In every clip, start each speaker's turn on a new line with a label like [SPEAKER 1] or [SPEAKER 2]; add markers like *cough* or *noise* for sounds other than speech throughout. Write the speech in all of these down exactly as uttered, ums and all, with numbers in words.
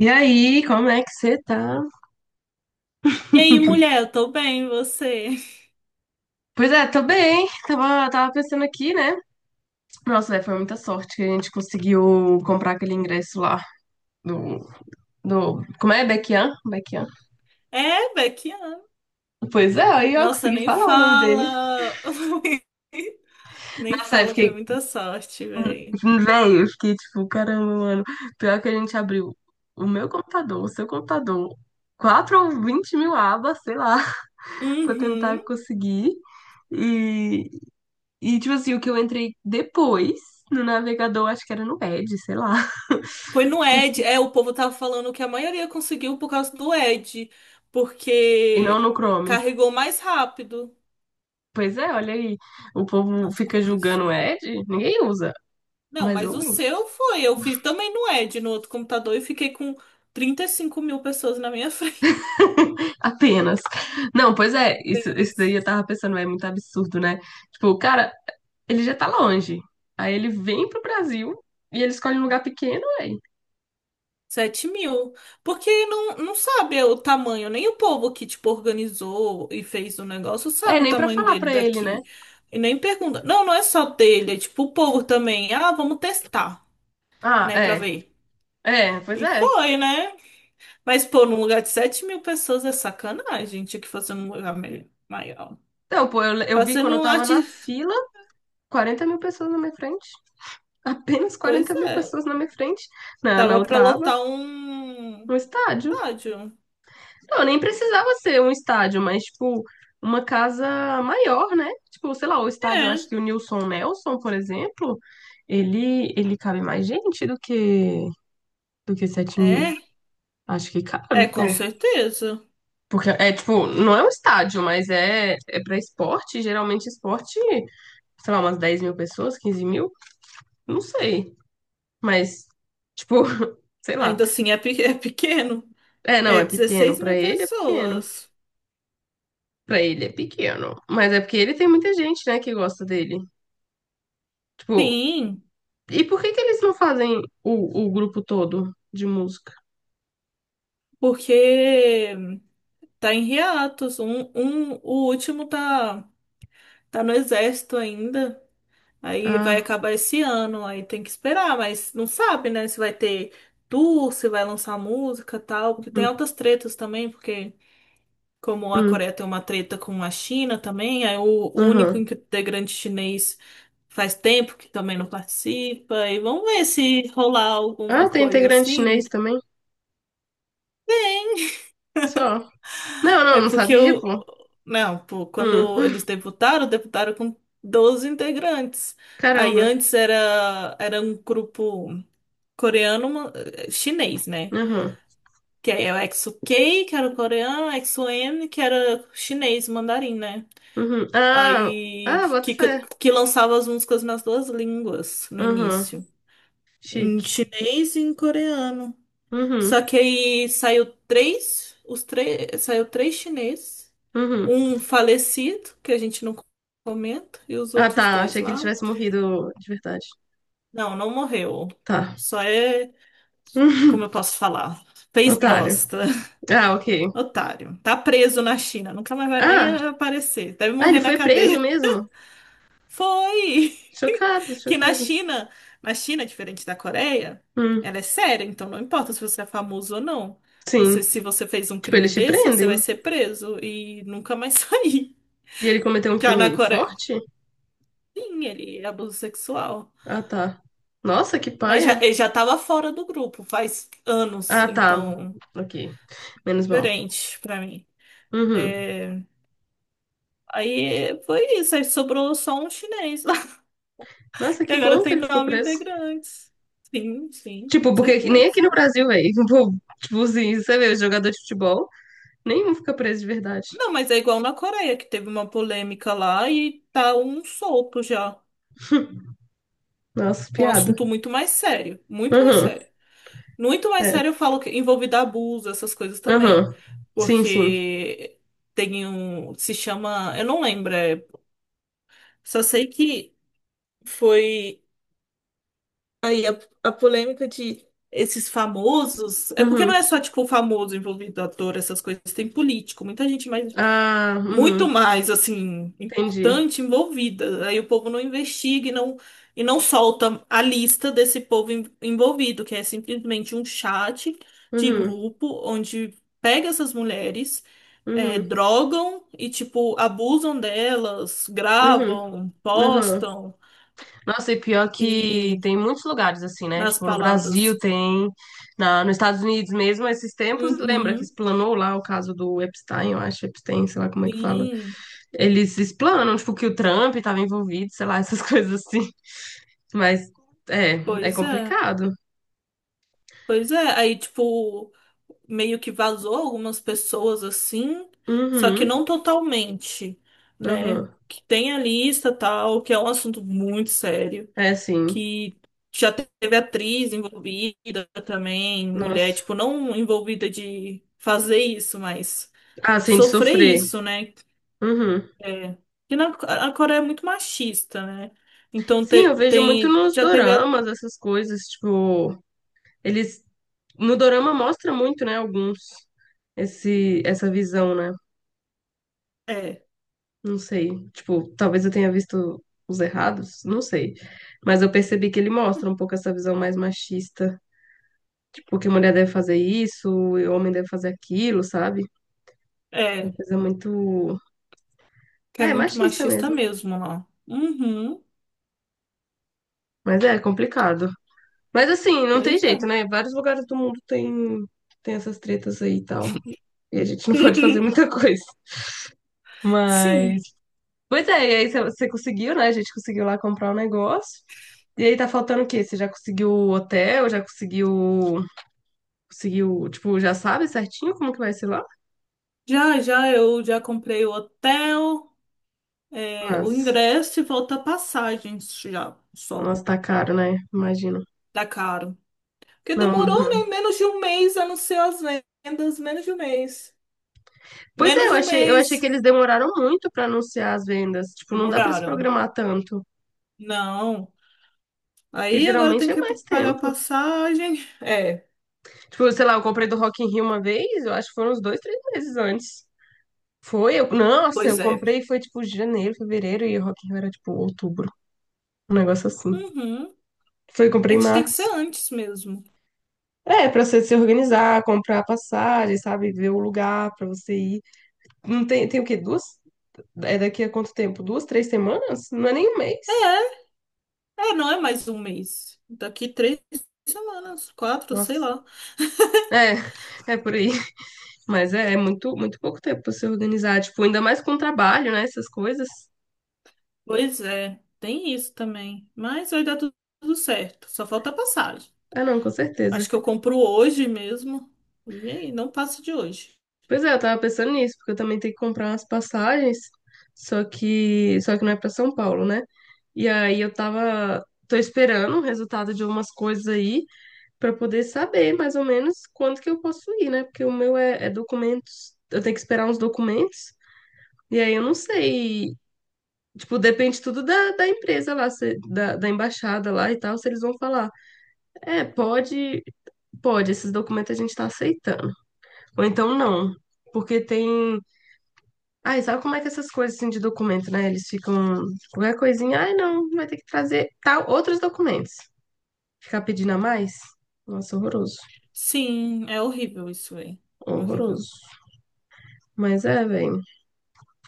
[SPEAKER 1] E aí, como é que você tá?
[SPEAKER 2] E aí, mulher, eu tô bem, e você? *laughs*
[SPEAKER 1] Pois é, tô bem. Tava, tava pensando aqui, né? Nossa, é, foi muita sorte que a gente conseguiu comprar aquele ingresso lá do, do, como é? Baekhyun? Baekhyun.
[SPEAKER 2] É, Bequiana.
[SPEAKER 1] Pois é, aí eu
[SPEAKER 2] Nossa,
[SPEAKER 1] consegui
[SPEAKER 2] nem
[SPEAKER 1] falar o nome dele.
[SPEAKER 2] fala. *laughs* Nem
[SPEAKER 1] Nossa, é,
[SPEAKER 2] fala, foi
[SPEAKER 1] fiquei,
[SPEAKER 2] muita sorte, véi.
[SPEAKER 1] hum, velho, eu fiquei tipo, caramba, mano. Pior que a gente abriu o meu computador, o seu computador, quatro ou vinte mil abas, sei lá, *laughs* pra tentar
[SPEAKER 2] Uhum.
[SPEAKER 1] conseguir. E, E, tipo assim, o que eu entrei depois no navegador, acho que era no Edge, sei lá.
[SPEAKER 2] Foi no Ed. É,
[SPEAKER 1] *laughs*
[SPEAKER 2] o povo tava falando que a maioria conseguiu por causa do Ed,
[SPEAKER 1] E não
[SPEAKER 2] porque
[SPEAKER 1] no Chrome.
[SPEAKER 2] carregou mais rápido
[SPEAKER 1] Pois é, olha aí. O povo
[SPEAKER 2] as
[SPEAKER 1] fica
[SPEAKER 2] coisas.
[SPEAKER 1] julgando o Edge, ninguém usa.
[SPEAKER 2] Não,
[SPEAKER 1] Mas eu
[SPEAKER 2] mas o
[SPEAKER 1] uso.
[SPEAKER 2] seu foi. Eu fiz também no Ed, no outro computador, e fiquei com trinta e cinco mil pessoas na minha *laughs* frente
[SPEAKER 1] *laughs* Apenas. Não, pois é, isso, isso daí
[SPEAKER 2] apenas.
[SPEAKER 1] eu tava pensando, é muito absurdo, né? Tipo, o cara, ele já tá longe. Aí ele vem pro Brasil e ele escolhe um lugar pequeno, aí.
[SPEAKER 2] Sete mil. Porque não, não sabe o tamanho, nem o povo que, tipo, organizou e fez o negócio
[SPEAKER 1] É,
[SPEAKER 2] sabe o
[SPEAKER 1] nem pra
[SPEAKER 2] tamanho
[SPEAKER 1] falar
[SPEAKER 2] dele
[SPEAKER 1] pra ele, né?
[SPEAKER 2] daqui. E nem pergunta. Não, não é só dele, é tipo o povo também. Ah, vamos testar,
[SPEAKER 1] Ah,
[SPEAKER 2] né, pra
[SPEAKER 1] é.
[SPEAKER 2] ver.
[SPEAKER 1] É, pois
[SPEAKER 2] E
[SPEAKER 1] é.
[SPEAKER 2] foi, né? Mas, pô, num lugar de sete mil pessoas é sacanagem. Tinha que fazer num lugar me- maior.
[SPEAKER 1] Então, pô, eu, eu vi quando
[SPEAKER 2] Fazendo
[SPEAKER 1] eu
[SPEAKER 2] um
[SPEAKER 1] tava
[SPEAKER 2] arte.
[SPEAKER 1] na fila, quarenta mil pessoas na minha frente. Apenas quarenta
[SPEAKER 2] Pois
[SPEAKER 1] mil
[SPEAKER 2] é.
[SPEAKER 1] pessoas na minha frente, na, na
[SPEAKER 2] Tava pra
[SPEAKER 1] outra aba,
[SPEAKER 2] lotar um
[SPEAKER 1] um estádio.
[SPEAKER 2] estádio.
[SPEAKER 1] Não, nem precisava ser um estádio, mas, tipo, uma casa maior, né? Tipo, sei lá, o estádio, eu acho
[SPEAKER 2] É,
[SPEAKER 1] que o Nilson Nelson, por exemplo, ele, ele cabe mais gente do que, do que sete mil.
[SPEAKER 2] é,
[SPEAKER 1] Acho que
[SPEAKER 2] é,
[SPEAKER 1] cabe, pô.
[SPEAKER 2] com certeza.
[SPEAKER 1] Porque é, tipo, não é um estádio, mas é, é pra esporte. Geralmente, esporte, sei lá, umas dez mil pessoas, quinze mil, não sei. Mas, tipo, *laughs* sei lá.
[SPEAKER 2] Ainda assim é pe- é pequeno.
[SPEAKER 1] É, não,
[SPEAKER 2] É
[SPEAKER 1] é pequeno.
[SPEAKER 2] dezesseis
[SPEAKER 1] Pra
[SPEAKER 2] mil
[SPEAKER 1] ele é pequeno.
[SPEAKER 2] pessoas.
[SPEAKER 1] Pra ele é pequeno. Mas é porque ele tem muita gente, né, que gosta dele. Tipo,
[SPEAKER 2] Sim,
[SPEAKER 1] e por que que eles não fazem o, o grupo todo de música?
[SPEAKER 2] porque tá em hiatos. Um, um, o último tá, tá no exército ainda. Aí vai
[SPEAKER 1] Ah,
[SPEAKER 2] acabar esse ano, aí tem que esperar, mas não sabe, né, se vai ter tour, se vai lançar música, e tal, porque tem
[SPEAKER 1] hum,
[SPEAKER 2] altas tretas também, porque como a
[SPEAKER 1] hum,
[SPEAKER 2] Coreia tem uma treta com a China também, aí o, o único
[SPEAKER 1] aham.
[SPEAKER 2] integrante chinês faz tempo que também não participa, e vamos ver se rolar alguma
[SPEAKER 1] Ah, tem
[SPEAKER 2] coisa
[SPEAKER 1] integrante
[SPEAKER 2] assim.
[SPEAKER 1] chinês também? Só. Não, não,
[SPEAKER 2] É
[SPEAKER 1] não
[SPEAKER 2] porque
[SPEAKER 1] sabia,
[SPEAKER 2] eu.
[SPEAKER 1] pô.
[SPEAKER 2] Não, pô,
[SPEAKER 1] Hum,
[SPEAKER 2] quando eles
[SPEAKER 1] *laughs*
[SPEAKER 2] debutaram, debutaram com doze integrantes. Aí
[SPEAKER 1] caramba.
[SPEAKER 2] antes era, era um grupo coreano, uma- eh, chinês, né?
[SPEAKER 1] Aham,
[SPEAKER 2] Que aí é o exo K, que era o coreano, exo eme, que era chinês, mandarim, né?
[SPEAKER 1] uhum. Ah,
[SPEAKER 2] Aí
[SPEAKER 1] ah, bota
[SPEAKER 2] que,
[SPEAKER 1] fé.
[SPEAKER 2] que lançava as músicas nas duas línguas no
[SPEAKER 1] Aham,
[SPEAKER 2] início, em
[SPEAKER 1] chique.
[SPEAKER 2] chinês e em coreano.
[SPEAKER 1] Uhum,
[SPEAKER 2] Só que aí saiu três, os três, saiu três chineses,
[SPEAKER 1] uhum.
[SPEAKER 2] um falecido, que a gente não comenta, e os
[SPEAKER 1] Ah,
[SPEAKER 2] outros
[SPEAKER 1] tá,
[SPEAKER 2] dois
[SPEAKER 1] achei que ele
[SPEAKER 2] lá.
[SPEAKER 1] tivesse morrido de verdade.
[SPEAKER 2] Não, não morreu.
[SPEAKER 1] Tá.
[SPEAKER 2] Só é,
[SPEAKER 1] *laughs*
[SPEAKER 2] como eu posso falar? Fez
[SPEAKER 1] Otário.
[SPEAKER 2] bosta.
[SPEAKER 1] Ah, ok.
[SPEAKER 2] *laughs* Otário. Tá preso na China, nunca mais vai nem
[SPEAKER 1] Ah,
[SPEAKER 2] aparecer. Deve
[SPEAKER 1] Ah, ele
[SPEAKER 2] morrer na
[SPEAKER 1] foi preso
[SPEAKER 2] cadeia.
[SPEAKER 1] mesmo?
[SPEAKER 2] *laughs* Foi!
[SPEAKER 1] Chocado,
[SPEAKER 2] Que na
[SPEAKER 1] chocado.
[SPEAKER 2] China, na China, diferente da Coreia,
[SPEAKER 1] Hum,
[SPEAKER 2] ela é séria, então não importa se você é famoso ou não. Você,
[SPEAKER 1] sim.
[SPEAKER 2] se você fez um
[SPEAKER 1] Tipo,
[SPEAKER 2] crime
[SPEAKER 1] eles te
[SPEAKER 2] desse, você
[SPEAKER 1] prendem?
[SPEAKER 2] vai ser preso e nunca mais *laughs* sair.
[SPEAKER 1] E ele cometeu um
[SPEAKER 2] Já na
[SPEAKER 1] crime
[SPEAKER 2] Coreia,
[SPEAKER 1] forte?
[SPEAKER 2] sim, ele é abuso sexual.
[SPEAKER 1] Ah, tá. Nossa, que
[SPEAKER 2] Mas já,
[SPEAKER 1] paia.
[SPEAKER 2] ele já tava fora do grupo faz anos,
[SPEAKER 1] Ah, tá.
[SPEAKER 2] então,
[SPEAKER 1] Ok. Menos mal.
[SPEAKER 2] diferente pra mim.
[SPEAKER 1] Uhum.
[SPEAKER 2] É, aí foi isso, aí sobrou só um chinês lá, *laughs*
[SPEAKER 1] Nossa,
[SPEAKER 2] que
[SPEAKER 1] que
[SPEAKER 2] agora
[SPEAKER 1] bom que
[SPEAKER 2] tem
[SPEAKER 1] ele ficou
[SPEAKER 2] nove
[SPEAKER 1] preso.
[SPEAKER 2] integrantes. Sim, sim, com
[SPEAKER 1] Tipo, porque aqui- nem aqui
[SPEAKER 2] certeza.
[SPEAKER 1] no Brasil, velho. *laughs* Tipo, assim, você vê, jogador de futebol, nenhum fica preso de verdade.
[SPEAKER 2] Não, mas é igual na Coreia, que teve uma polêmica lá e tá um solto já.
[SPEAKER 1] Nossa,
[SPEAKER 2] Um
[SPEAKER 1] piada.
[SPEAKER 2] assunto muito mais sério. Muito mais
[SPEAKER 1] Uhum.
[SPEAKER 2] sério. Muito mais
[SPEAKER 1] É.
[SPEAKER 2] sério, eu falo que envolvido abuso, essas coisas também.
[SPEAKER 1] Uhum. Sim, sim.
[SPEAKER 2] Porque tem um. Se chama. Eu não lembro. É- só sei que foi aí a, a polêmica de esses famosos. É porque não
[SPEAKER 1] Uhum.
[SPEAKER 2] é só, tipo, famoso envolvido, ator, essas coisas. Tem político, muita gente mais.
[SPEAKER 1] Ah,
[SPEAKER 2] Muito
[SPEAKER 1] uhum.
[SPEAKER 2] mais assim
[SPEAKER 1] Entendi.
[SPEAKER 2] importante envolvida. Aí o povo não investiga e não, e não solta a lista desse povo en- envolvido, que é simplesmente um chat de
[SPEAKER 1] Uhum.
[SPEAKER 2] grupo onde pega essas mulheres, eh,
[SPEAKER 1] Uhum.
[SPEAKER 2] drogam e tipo abusam delas,
[SPEAKER 1] Uhum.
[SPEAKER 2] gravam,
[SPEAKER 1] Uhum.
[SPEAKER 2] postam
[SPEAKER 1] Nossa, e pior que
[SPEAKER 2] e
[SPEAKER 1] tem muitos lugares assim, né?
[SPEAKER 2] nas
[SPEAKER 1] Tipo, no Brasil
[SPEAKER 2] baladas.
[SPEAKER 1] tem, na, nos Estados Unidos mesmo, esses tempos, lembra que
[SPEAKER 2] Uhum,
[SPEAKER 1] explanou lá o caso do Epstein, eu acho, Epstein, sei lá como é que fala.
[SPEAKER 2] sim,
[SPEAKER 1] Eles explanam, tipo, que o Trump estava envolvido, sei lá, essas *laughs* coisas assim. Mas é, é
[SPEAKER 2] pois é.
[SPEAKER 1] complicado.
[SPEAKER 2] Pois é, aí tipo meio que vazou algumas pessoas assim, só que
[SPEAKER 1] Uhum,
[SPEAKER 2] não totalmente, né?
[SPEAKER 1] uhum.
[SPEAKER 2] Que tem a lista tal, que é um assunto muito sério,
[SPEAKER 1] É sim.
[SPEAKER 2] que já teve atriz envolvida também, mulher,
[SPEAKER 1] Nossa.
[SPEAKER 2] tipo, não envolvida de fazer isso, mas
[SPEAKER 1] Ah, sim, de
[SPEAKER 2] sofrer
[SPEAKER 1] sofrer.
[SPEAKER 2] isso, né?
[SPEAKER 1] Uhum.
[SPEAKER 2] É. E na, a Coreia é muito machista, né? Então
[SPEAKER 1] Sim, eu
[SPEAKER 2] te-
[SPEAKER 1] vejo muito
[SPEAKER 2] tem,
[SPEAKER 1] nos
[SPEAKER 2] já teve a,
[SPEAKER 1] doramas essas coisas, tipo, eles No dorama mostra muito, né, alguns, esse, essa visão, né?
[SPEAKER 2] é,
[SPEAKER 1] Não sei. Tipo, talvez eu tenha visto os errados, não sei. Mas eu percebi que ele mostra um pouco essa visão mais machista. Tipo, que mulher deve fazer isso, e homem deve fazer aquilo, sabe? Uma
[SPEAKER 2] é,
[SPEAKER 1] coisa muito.
[SPEAKER 2] que é
[SPEAKER 1] É,
[SPEAKER 2] muito
[SPEAKER 1] machista
[SPEAKER 2] machista
[SPEAKER 1] mesmo.
[SPEAKER 2] mesmo lá. Uhum,
[SPEAKER 1] Mas é complicado. Mas assim, não tem
[SPEAKER 2] pois
[SPEAKER 1] jeito,
[SPEAKER 2] é.
[SPEAKER 1] né? Vários lugares do mundo tem, tem essas tretas aí e tal. E a gente não pode
[SPEAKER 2] *laughs*
[SPEAKER 1] fazer muita *laughs* coisa. Mas.
[SPEAKER 2] Sim.
[SPEAKER 1] Pois é, e aí você você conseguiu, né? A gente conseguiu lá comprar um negócio. E aí tá faltando o quê? Você já conseguiu o hotel? Já conseguiu. Conseguiu, tipo, já sabe certinho como que vai ser lá?
[SPEAKER 2] Já, já, eu já comprei o hotel, é, o
[SPEAKER 1] Mas,
[SPEAKER 2] ingresso e volta a passagens já, só.
[SPEAKER 1] nossa, tá caro, né? Imagino.
[SPEAKER 2] Tá caro. Porque
[SPEAKER 1] Não.
[SPEAKER 2] demorou,
[SPEAKER 1] Uhum.
[SPEAKER 2] né? Menos de um mês, a não ser as vendas, menos de um mês.
[SPEAKER 1] Pois é,
[SPEAKER 2] Menos
[SPEAKER 1] eu
[SPEAKER 2] de um
[SPEAKER 1] achei, eu achei que
[SPEAKER 2] mês.
[SPEAKER 1] eles demoraram muito pra anunciar as vendas. Tipo, não dá pra se
[SPEAKER 2] Demoraram.
[SPEAKER 1] programar tanto.
[SPEAKER 2] Não.
[SPEAKER 1] Porque
[SPEAKER 2] Aí agora tem
[SPEAKER 1] geralmente é
[SPEAKER 2] que p-
[SPEAKER 1] mais
[SPEAKER 2] pagar
[SPEAKER 1] tempo.
[SPEAKER 2] passagem. É,
[SPEAKER 1] Tipo, sei lá, eu comprei do Rock in Rio uma vez, eu acho que foram uns dois, três meses antes. Foi, eu, nossa, eu
[SPEAKER 2] pois é.
[SPEAKER 1] comprei, foi tipo janeiro, fevereiro, e o Rock in Rio era tipo outubro. Um negócio assim.
[SPEAKER 2] Uhum.
[SPEAKER 1] Foi,
[SPEAKER 2] A
[SPEAKER 1] comprei em
[SPEAKER 2] gente tem que ser
[SPEAKER 1] março.
[SPEAKER 2] antes mesmo.
[SPEAKER 1] É, pra você se organizar, comprar passagem, sabe? Ver o lugar pra você ir. Não tem, tem o quê? Duas? É daqui a quanto tempo? Duas, três semanas? Não é nem um mês.
[SPEAKER 2] É, é, não é mais um mês. Daqui três semanas, quatro, sei
[SPEAKER 1] Nossa.
[SPEAKER 2] lá.
[SPEAKER 1] É, é por aí. Mas é, é muito, muito pouco tempo pra se organizar. Tipo, ainda mais com trabalho, né? Essas coisas.
[SPEAKER 2] Pois é, tem isso também. Mas vai dar tu- tudo certo. Só falta a passagem.
[SPEAKER 1] Ah, não, com certeza.
[SPEAKER 2] Acho que eu compro hoje mesmo. E é aí, não passa de hoje.
[SPEAKER 1] Pois é, eu tava pensando nisso, porque eu também tenho que comprar umas passagens. Só que, só que não é pra São Paulo, né? E aí eu tava, tô esperando o resultado de umas coisas aí. Para poder saber mais ou menos quando que eu posso ir, né? Porque o meu é, é documentos, eu tenho que esperar uns documentos, e aí eu não sei. Tipo, depende tudo da, da empresa lá, se- da, da embaixada lá e tal, se eles vão falar. É, pode, pode, esses documentos a gente tá aceitando. Ou então não. Porque tem. Ai, sabe como é que essas coisas assim de documento, né? Eles ficam. Qualquer coisinha, ai, não, vai ter que trazer tal, outros documentos. Ficar pedindo a mais? Nossa, horroroso.
[SPEAKER 2] Sim, é horrível isso aí. Horrível.
[SPEAKER 1] Horroroso. Mas é, velho.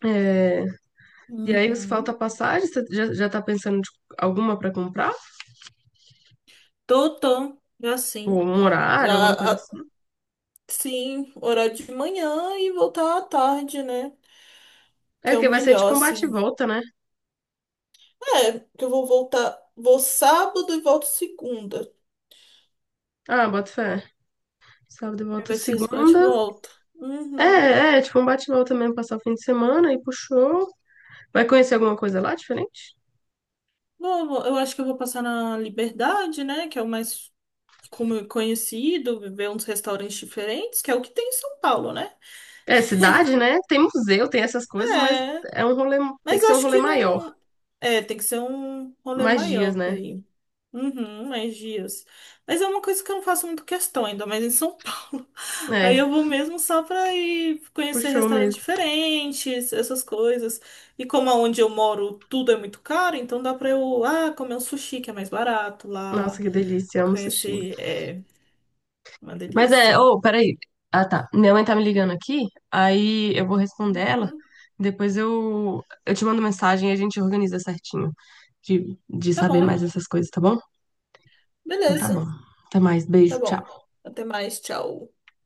[SPEAKER 1] É, e aí, você falta
[SPEAKER 2] Uhum.
[SPEAKER 1] passagem, você já, já tá pensando de alguma pra comprar?
[SPEAKER 2] Tô, tô. Já
[SPEAKER 1] Ou
[SPEAKER 2] sim.
[SPEAKER 1] um
[SPEAKER 2] Já,
[SPEAKER 1] horário, alguma coisa
[SPEAKER 2] a-
[SPEAKER 1] assim?
[SPEAKER 2] sim, horário de manhã e voltar à tarde, né?
[SPEAKER 1] É
[SPEAKER 2] Que é o
[SPEAKER 1] que vai ser
[SPEAKER 2] melhor,
[SPEAKER 1] tipo um bate e
[SPEAKER 2] assim.
[SPEAKER 1] volta, né?
[SPEAKER 2] É, que eu vou voltar. Vou sábado e volto segunda.
[SPEAKER 1] Ah, bota fé. Sábado e
[SPEAKER 2] Aí
[SPEAKER 1] volta
[SPEAKER 2] vai ser esse
[SPEAKER 1] segunda.
[SPEAKER 2] bate-volta.
[SPEAKER 1] É, é, é, tipo um bate e volta mesmo, passar o fim de semana e puxou. Vai conhecer alguma coisa lá diferente?
[SPEAKER 2] Vou, vou- eu acho que eu vou passar na Liberdade, né? Que é o mais como- conhecido, ver uns restaurantes diferentes, que é o que tem em São Paulo, né?
[SPEAKER 1] É, cidade, né? Tem museu, tem essas coisas, mas
[SPEAKER 2] É.
[SPEAKER 1] é um rolê, tem
[SPEAKER 2] Mas
[SPEAKER 1] que ser um
[SPEAKER 2] acho
[SPEAKER 1] rolê
[SPEAKER 2] que
[SPEAKER 1] maior,
[SPEAKER 2] não. É, tem que ser um rolê
[SPEAKER 1] mais
[SPEAKER 2] maior
[SPEAKER 1] dias,
[SPEAKER 2] pra
[SPEAKER 1] né?
[SPEAKER 2] ir. Uhum, mais dias. Mas é uma coisa que eu não faço muito questão ainda, mas em São Paulo. *laughs* Aí
[SPEAKER 1] É,
[SPEAKER 2] eu vou mesmo só pra ir conhecer
[SPEAKER 1] puxou
[SPEAKER 2] restaurantes
[SPEAKER 1] mesmo.
[SPEAKER 2] diferentes, essas coisas. E como aonde eu moro tudo é muito caro, então dá pra eu, ah, comer um sushi que é mais barato
[SPEAKER 1] Nossa,
[SPEAKER 2] lá.
[SPEAKER 1] que delícia, amo sushi.
[SPEAKER 2] Conhecer, é uma
[SPEAKER 1] Mas é,
[SPEAKER 2] delícia.
[SPEAKER 1] ô, peraí. Ah, tá. Minha mãe tá me ligando aqui, aí eu vou responder ela.
[SPEAKER 2] Uhum,
[SPEAKER 1] Depois eu, eu te mando mensagem e a gente organiza certinho de, de
[SPEAKER 2] tá
[SPEAKER 1] saber
[SPEAKER 2] bom,
[SPEAKER 1] mais essas coisas, tá bom? Então tá bom.
[SPEAKER 2] beleza,
[SPEAKER 1] Até mais,
[SPEAKER 2] tá
[SPEAKER 1] beijo,
[SPEAKER 2] bom.
[SPEAKER 1] tchau.
[SPEAKER 2] Até mais, tchau.